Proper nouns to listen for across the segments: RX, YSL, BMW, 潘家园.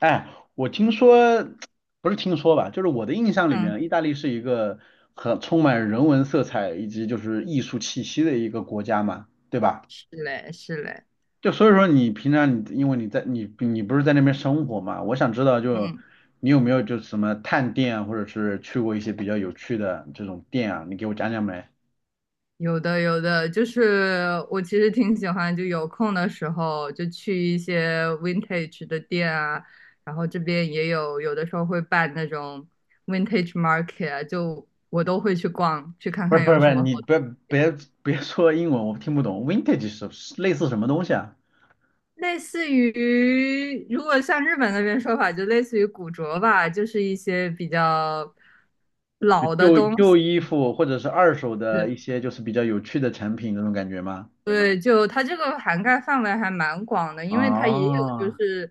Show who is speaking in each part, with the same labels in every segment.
Speaker 1: 哎，我听说，不是听说吧，就是我的印象里
Speaker 2: 嗯，
Speaker 1: 面，意大利是一个很充满人文色彩以及就是艺术气息的一个国家嘛，对吧？
Speaker 2: 是嘞，是嘞，
Speaker 1: 就所以说你平常你因为你在你不是在那边生活嘛，我想知道就
Speaker 2: 嗯，
Speaker 1: 你有没有就什么探店啊，或者是去过一些比较有趣的这种店啊，你给我讲讲呗。
Speaker 2: 有的有的，就是我其实挺喜欢，就有空的时候就去一些 vintage 的店啊，然后这边也有，有的时候会办那种 vintage market 啊，就我都会去逛，去看
Speaker 1: 不是
Speaker 2: 看
Speaker 1: 不是
Speaker 2: 有
Speaker 1: 不
Speaker 2: 什
Speaker 1: 是，
Speaker 2: 么好。
Speaker 1: 你别别说英文，我听不懂。Vintage 是类似什么东西啊？
Speaker 2: 类似于，如果像日本那边说法，就类似于古着吧，就是一些比较
Speaker 1: 就
Speaker 2: 老的
Speaker 1: 旧
Speaker 2: 东
Speaker 1: 旧
Speaker 2: 西，
Speaker 1: 衣服或者是二手的一些就是比较有趣的产品那种感觉吗？
Speaker 2: 对，就它这个涵盖范围还蛮广的，因为它也有就
Speaker 1: 啊，
Speaker 2: 是，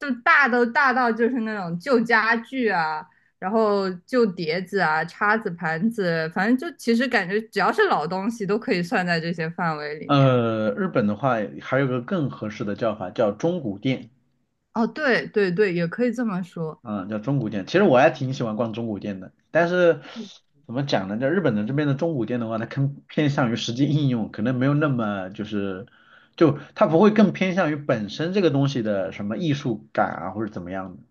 Speaker 2: 就大都大到就是那种旧家具啊，然后旧碟子啊、叉子、盘子，反正就其实感觉只要是老东西都可以算在这些范围里面。
Speaker 1: 日本的话还有个更合适的叫法叫中古店，
Speaker 2: 哦，对对对，也可以这么说。
Speaker 1: 嗯，叫中古店。其实我还挺喜欢逛中古店的，但是怎么讲呢？在日本的这边的中古店的话，它更偏向于实际应用，可能没有那么就是就它不会更偏向于本身这个东西的什么艺术感啊或者怎么样的。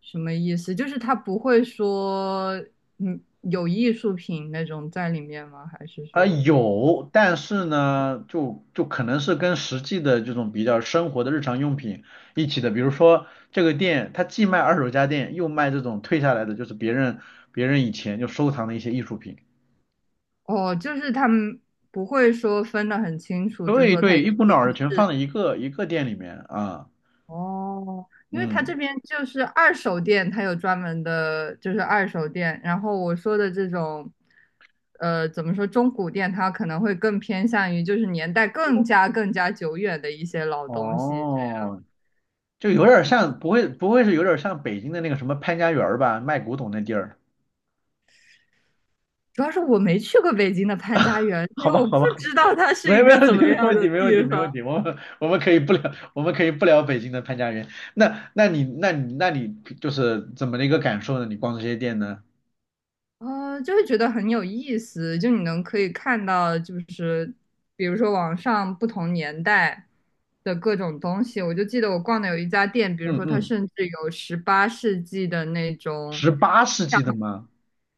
Speaker 2: 什么意思？就是它不会说，嗯，有艺术品那种在里面吗？还是
Speaker 1: 啊
Speaker 2: 说，
Speaker 1: 有，但是呢，就可能是跟实际的这种比较生活的日常用品一起的，比如说这个店，它既卖二手家电，又卖这种退下来的，就是别人以前就收藏的一些艺术品。
Speaker 2: 哦，就是他们不会说分得很清楚，就
Speaker 1: 对
Speaker 2: 说它
Speaker 1: 对，一
Speaker 2: 一
Speaker 1: 股脑
Speaker 2: 定。
Speaker 1: 儿的全放在一个店里面啊，
Speaker 2: 哦，因为他这
Speaker 1: 嗯，
Speaker 2: 边就是二手店，他有专门的，就是二手店。然后我说的这种，怎么说中古店，它可能会更偏向于就是年代更加久远的一些老东西。
Speaker 1: 哦，就有点儿像，不会是有点儿像北京的那个什么潘家园儿吧，卖古董那地儿？
Speaker 2: 主要是我没去过北京的潘家园，因
Speaker 1: 好
Speaker 2: 为
Speaker 1: 吧，
Speaker 2: 我不
Speaker 1: 好吧。
Speaker 2: 知道它是
Speaker 1: 没
Speaker 2: 一
Speaker 1: 有没
Speaker 2: 个
Speaker 1: 有问
Speaker 2: 怎
Speaker 1: 题，
Speaker 2: 么
Speaker 1: 没
Speaker 2: 样
Speaker 1: 问
Speaker 2: 的
Speaker 1: 题，没问
Speaker 2: 地
Speaker 1: 题，没
Speaker 2: 方。
Speaker 1: 问题。我们 我们可以不聊，我们可以不聊北京的潘家园。那你就是怎么的一个感受呢？你逛这些店呢？
Speaker 2: 就会觉得很有意思，就你能可以看到，就是比如说网上不同年代的各种东西。我就记得我逛的有一家店，比如
Speaker 1: 嗯
Speaker 2: 说它
Speaker 1: 嗯，
Speaker 2: 甚至有十八世纪的那种，
Speaker 1: 十八世纪的吗？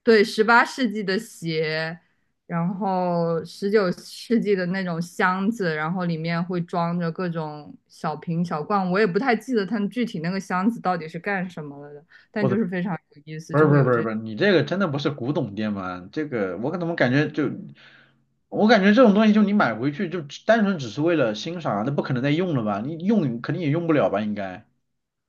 Speaker 2: 对，十八世纪的鞋，然后19世纪的那种箱子，然后里面会装着各种小瓶小罐。我也不太记得它具体那个箱子到底是干什么了的，但
Speaker 1: 我
Speaker 2: 就
Speaker 1: 的，
Speaker 2: 是非常有意思，
Speaker 1: 不是
Speaker 2: 就
Speaker 1: 不
Speaker 2: 会
Speaker 1: 是
Speaker 2: 有
Speaker 1: 不是
Speaker 2: 这。
Speaker 1: 不是，你这个真的不是古董店吗？这个我怎么感觉就，我感觉这种东西就你买回去就只单纯只是为了欣赏啊那不可能再用了吧？你用肯定也用不了吧？应该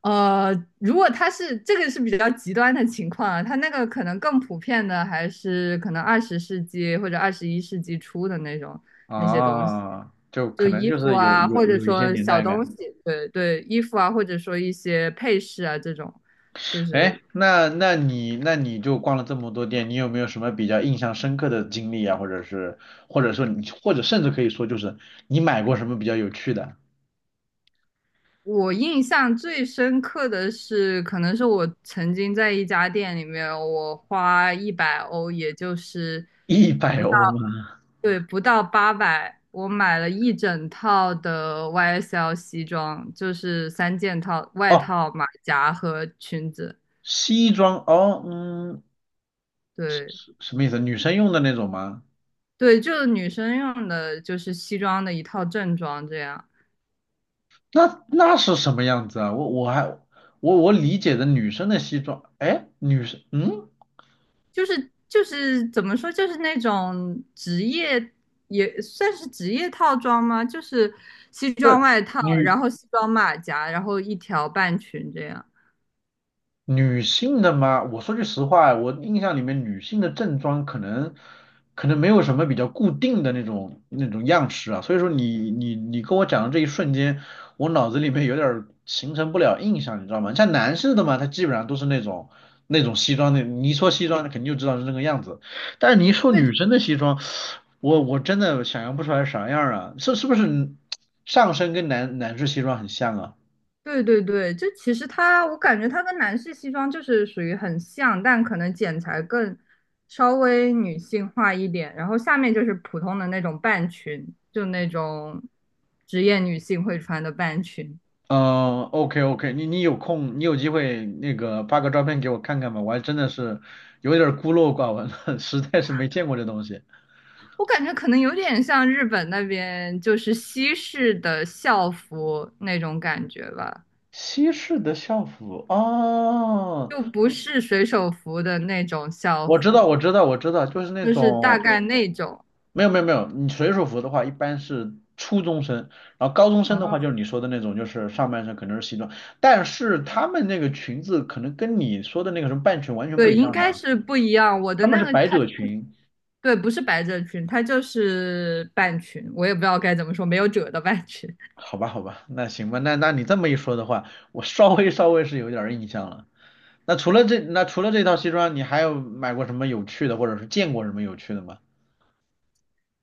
Speaker 2: 呃，如果他是这个是比较极端的情况啊，他那个可能更普遍的还是可能20世纪或者21世纪初的那种那些东西，
Speaker 1: 啊，就
Speaker 2: 就
Speaker 1: 可能
Speaker 2: 衣
Speaker 1: 就
Speaker 2: 服
Speaker 1: 是有
Speaker 2: 啊，或
Speaker 1: 有
Speaker 2: 者
Speaker 1: 有一些
Speaker 2: 说
Speaker 1: 年
Speaker 2: 小
Speaker 1: 代感。
Speaker 2: 东西，对对，衣服啊，或者说一些配饰啊这种，就
Speaker 1: 哎，
Speaker 2: 是
Speaker 1: 那你就逛了这么多店，你有没有什么比较印象深刻的经历啊？或者是或者说你或者甚至可以说就是你买过什么比较有趣的？
Speaker 2: 我印象最深刻的是，可能是我曾经在一家店里面，我花100欧，也就是。
Speaker 1: 一百
Speaker 2: 不。
Speaker 1: 欧吗？
Speaker 2: 对，不到八百，我买了一整套的 YSL 西装，就是三件套，外
Speaker 1: 哦，
Speaker 2: 套、马甲和裙子。
Speaker 1: 西装哦，嗯，
Speaker 2: 对
Speaker 1: 什么意思？女生用的那种吗？
Speaker 2: 对，就是女生用的，就是西装的一套正装，这样
Speaker 1: 那那是什么样子啊？我我还我我理解的女生的西装，哎，女生嗯，
Speaker 2: 就是怎么说，就是那种职业也算是职业套装吗？就是西
Speaker 1: 不
Speaker 2: 装
Speaker 1: 是
Speaker 2: 外套，然
Speaker 1: 女。
Speaker 2: 后西装马甲，然后一条半裙这样。
Speaker 1: 女性的吗？我说句实话，我印象里面女性的正装可能没有什么比较固定的那种样式啊，所以说你跟我讲的这一瞬间，我脑子里面有点儿形成不了印象，你知道吗？像男士的嘛，他基本上都是那种西装的，你一说西装，肯定就知道是那个样子，但是你一说
Speaker 2: 对，
Speaker 1: 女生的西装，我真的想象不出来啥样啊，是是不是上身跟男士西装很像啊？
Speaker 2: 对对对，就其实它，我感觉它跟男士西装就是属于很像，但可能剪裁更稍微女性化一点，然后下面就是普通的那种半裙，就那种职业女性会穿的半裙。
Speaker 1: 嗯，OK OK，你有空，你有机会那个发个照片给我看看吧，我还真的是有点儿孤陋寡闻了，实在是没见过这东西。
Speaker 2: 我感觉可能有点像日本那边就是西式的校服那种感觉吧，
Speaker 1: 西式的校服哦，
Speaker 2: 就不是水手服的那种校
Speaker 1: 我知道
Speaker 2: 服，
Speaker 1: 我知道我知道，就是那
Speaker 2: 就是大
Speaker 1: 种
Speaker 2: 概那种。
Speaker 1: 没有没有，你水手服的话一般是初中生，然后高中生的话就
Speaker 2: 哦，
Speaker 1: 是你说的那种，就是上半身可能是西装，但是他们那个裙子可能跟你说的那个什么半裙完全不
Speaker 2: 对，
Speaker 1: 一
Speaker 2: 应
Speaker 1: 样的
Speaker 2: 该
Speaker 1: 啊，
Speaker 2: 是不一样。我的
Speaker 1: 他们
Speaker 2: 那
Speaker 1: 是
Speaker 2: 个
Speaker 1: 百
Speaker 2: 它。
Speaker 1: 褶裙。
Speaker 2: 对，不是百褶裙，它就是半裙，我也不知道该怎么说，没有褶的半裙。
Speaker 1: 好吧，好吧，那行吧，那那你这么一说的话，我稍微是有点儿印象了。那除了这，那除了这套西装，你还有买过什么有趣的，或者是见过什么有趣的吗？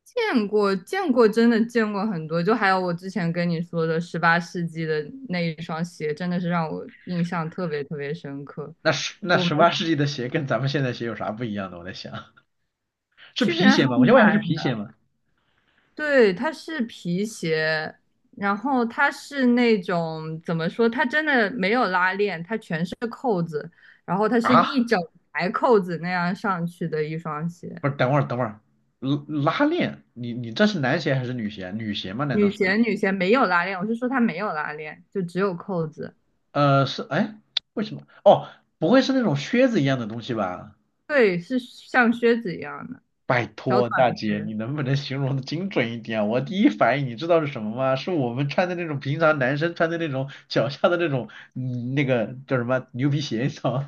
Speaker 2: 见过，见过，真的见过很多。就还有我之前跟你说的十八世纪的那一双鞋，真的是让我印象特别特别深刻。
Speaker 1: 那
Speaker 2: 就我们
Speaker 1: 十八世纪的鞋跟咱们现在鞋有啥不一样的？我在想，是
Speaker 2: 去别
Speaker 1: 皮
Speaker 2: 人
Speaker 1: 鞋
Speaker 2: 还
Speaker 1: 吗？我先问一下，是
Speaker 2: 买，
Speaker 1: 皮鞋吗？
Speaker 2: 对，它是皮鞋，然后它是那种怎么说，它真的没有拉链，它全是扣子，然后它是一
Speaker 1: 啊，
Speaker 2: 整排扣子那样上去的一双鞋。
Speaker 1: 不是，等会儿，拉拉链，你你这是男鞋还是女鞋？女鞋吗？难道
Speaker 2: 女
Speaker 1: 是？
Speaker 2: 鞋女鞋没有拉链，我是说它没有拉链，就只有扣子。
Speaker 1: 呃，是，哎，为什么？哦，不会是那种靴子一样的东西吧？
Speaker 2: 对，是像靴子一样的
Speaker 1: 拜
Speaker 2: 小
Speaker 1: 托
Speaker 2: 短
Speaker 1: 大姐，
Speaker 2: 靴。
Speaker 1: 你能不能形容的精准一点啊？我第一反应你知道是什么吗？是我们穿的那种平常男生穿的那种脚下的那种，嗯，那个叫什么牛皮鞋，你知道吗？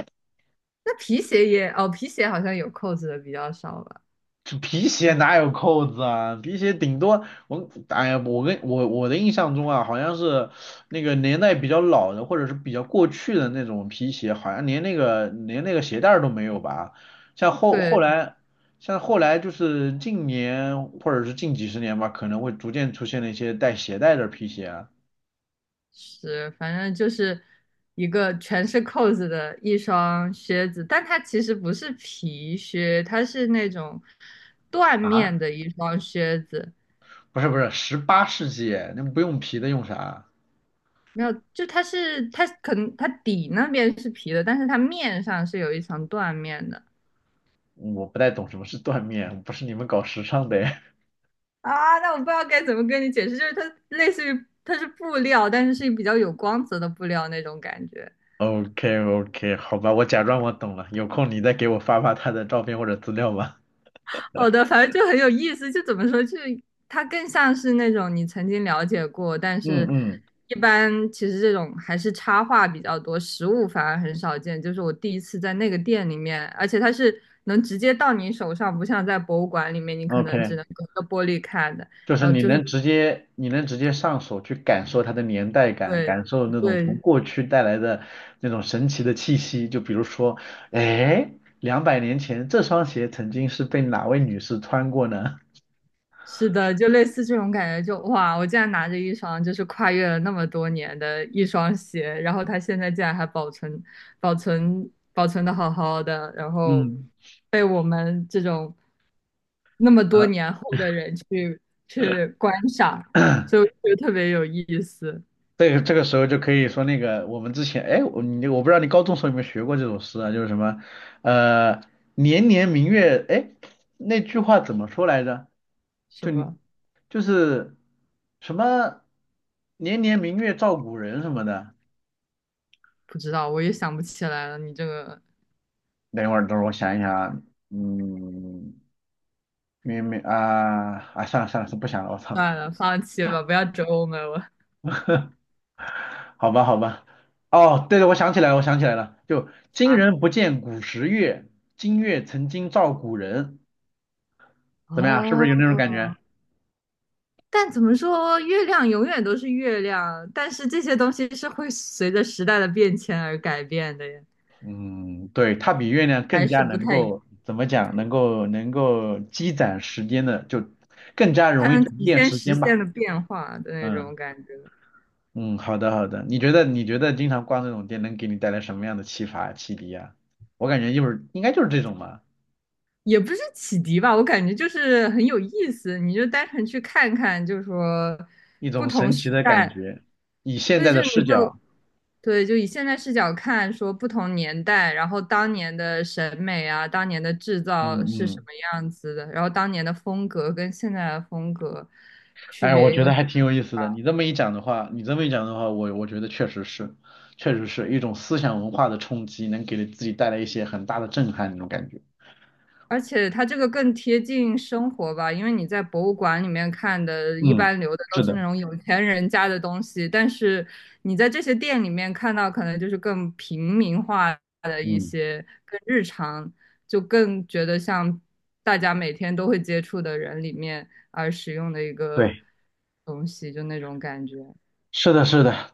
Speaker 2: 那皮鞋也哦，皮鞋好像有扣子的比较少吧？
Speaker 1: 这皮鞋
Speaker 2: 嗯，
Speaker 1: 哪有扣子啊？皮鞋顶多我，哎呀，我跟我我的印象中啊，好像是那个年代比较老的，或者是比较过去的那种皮鞋，好像连那个连那个鞋带儿都没有吧？像后后
Speaker 2: 对，
Speaker 1: 来，像后来就是近年或者是近几十年吧，可能会逐渐出现了一些带鞋带的皮鞋啊。
Speaker 2: 是，反正就是一个全是扣子的一双靴子，但它其实不是皮靴，它是那种缎
Speaker 1: 啊？
Speaker 2: 面的一双靴子。
Speaker 1: 不是不是，十八世纪，那不用皮的用啥啊？
Speaker 2: 没有，就它是它可能它底那边是皮的，但是它面上是有一层缎面的。
Speaker 1: 我不太懂什么是缎面，不是你们搞时尚的。
Speaker 2: 啊，那我不知道该怎么跟你解释，就是它类似于它是布料，但是是比较有光泽的布料那种感觉。
Speaker 1: OK OK 好吧，我假装我懂了。有空你再给我发发他的照片或者资料吧。
Speaker 2: 好的，反正就很有意思，就怎么说，就是它更像是那种你曾经了解过，但
Speaker 1: 嗯
Speaker 2: 是
Speaker 1: 嗯
Speaker 2: 一般其实这种还是插画比较多，实物反而很少见。就是我第一次在那个店里面，而且它是能直接到你手上，不像在博物馆里面你可能只
Speaker 1: ，OK，
Speaker 2: 能隔着玻璃看的。
Speaker 1: 就是
Speaker 2: 然后
Speaker 1: 你
Speaker 2: 就是
Speaker 1: 能直接你能直接上手去感受它的年代感，
Speaker 2: 对
Speaker 1: 感受那种从
Speaker 2: 对
Speaker 1: 过去带来的那种神奇的气息。就比如说，哎，200年前这双鞋曾经是被哪位女士穿过呢？
Speaker 2: 是的，就类似这种感觉就，哇，我竟然拿着一双就是跨越了那么多年的一双鞋，然后它现在竟然还保存、保存、保存的好好的，然 后
Speaker 1: 嗯，
Speaker 2: 被我们这种那么多
Speaker 1: 呃
Speaker 2: 年后的人去去观赏，就 就特别有意思。
Speaker 1: 这个时候就可以说那个我们之前，哎，我不知道你高中时候有没有学过这首诗啊，就是什么，呃，年年明月，哎，那句话怎么说来着？
Speaker 2: 什
Speaker 1: 就
Speaker 2: 么
Speaker 1: 你就是什么年年明月照古人什么的。
Speaker 2: 不知道，我也想不起来了。你这个
Speaker 1: 等一会儿，等会儿我想一想啊，嗯，明明啊啊，算了算了，是不想了，我操，
Speaker 2: 算了，放弃吧，不要折磨我。
Speaker 1: 好吧好吧，哦，对对，我想起来了，就今
Speaker 2: 啊！
Speaker 1: 人不见古时月，今月曾经照古人。怎么样？是不
Speaker 2: 哦，
Speaker 1: 是有那种感觉？
Speaker 2: 但怎么说，月亮永远都是月亮，但是这些东西是会随着时代的变迁而改变的呀，
Speaker 1: 嗯，对，它比月亮
Speaker 2: 还
Speaker 1: 更
Speaker 2: 是
Speaker 1: 加
Speaker 2: 不
Speaker 1: 能
Speaker 2: 太一样，
Speaker 1: 够怎么讲？能够积攒时间的，就更加
Speaker 2: 它
Speaker 1: 容易
Speaker 2: 能
Speaker 1: 沉
Speaker 2: 体
Speaker 1: 淀
Speaker 2: 现
Speaker 1: 时
Speaker 2: 时
Speaker 1: 间
Speaker 2: 现
Speaker 1: 吧。
Speaker 2: 的变化的那
Speaker 1: 嗯
Speaker 2: 种感觉，
Speaker 1: 嗯，好的好的。你觉得经常逛这种店能给你带来什么样的启发启迪啊？我感觉就是应该就是这种吧，
Speaker 2: 也不是启迪吧，我感觉就是很有意思，你就单纯去看看，就是说
Speaker 1: 一
Speaker 2: 不
Speaker 1: 种
Speaker 2: 同
Speaker 1: 神奇
Speaker 2: 时
Speaker 1: 的感
Speaker 2: 代。
Speaker 1: 觉，以现
Speaker 2: 对，
Speaker 1: 在
Speaker 2: 就
Speaker 1: 的
Speaker 2: 你
Speaker 1: 视
Speaker 2: 就
Speaker 1: 角，
Speaker 2: 对，就以现在视角看，说不同年代，然后当年的审美啊，当年的制造
Speaker 1: 嗯
Speaker 2: 是什
Speaker 1: 嗯
Speaker 2: 么样子的，然后当年的风格跟现在的风格区
Speaker 1: 哎，我
Speaker 2: 别
Speaker 1: 觉
Speaker 2: 又
Speaker 1: 得
Speaker 2: 是。
Speaker 1: 还挺有意思的。你这么一讲的话，我觉得确实是，确实是一种思想文化的冲击，能给自己带来一些很大的震撼那种感觉。
Speaker 2: 而且它这个更贴近生活吧，因为你在博物馆里面看的，一
Speaker 1: 嗯，
Speaker 2: 般留的都
Speaker 1: 是
Speaker 2: 是
Speaker 1: 的，
Speaker 2: 那种有钱人家的东西，但是你在这些店里面看到，可能就是更平民化的一
Speaker 1: 嗯，
Speaker 2: 些，更日常，就更觉得像大家每天都会接触的人里面而使用的一个
Speaker 1: 对，
Speaker 2: 东西，就那种感觉。
Speaker 1: 是的，是的。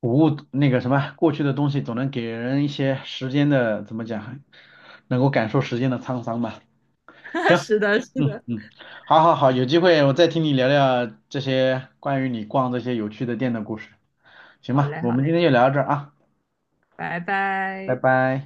Speaker 1: 古物那个什么，过去的东西总能给人一些时间的，怎么讲，能够感受时间的沧桑吧。行，
Speaker 2: 是的，是
Speaker 1: 嗯
Speaker 2: 的，
Speaker 1: 嗯，好好好，有机会我再听你聊聊这些关于你逛有趣的店的故事，行
Speaker 2: 好
Speaker 1: 吧？
Speaker 2: 嘞，
Speaker 1: 我
Speaker 2: 好
Speaker 1: 们今
Speaker 2: 嘞，
Speaker 1: 天就聊到这儿啊，
Speaker 2: 拜
Speaker 1: 拜
Speaker 2: 拜。
Speaker 1: 拜。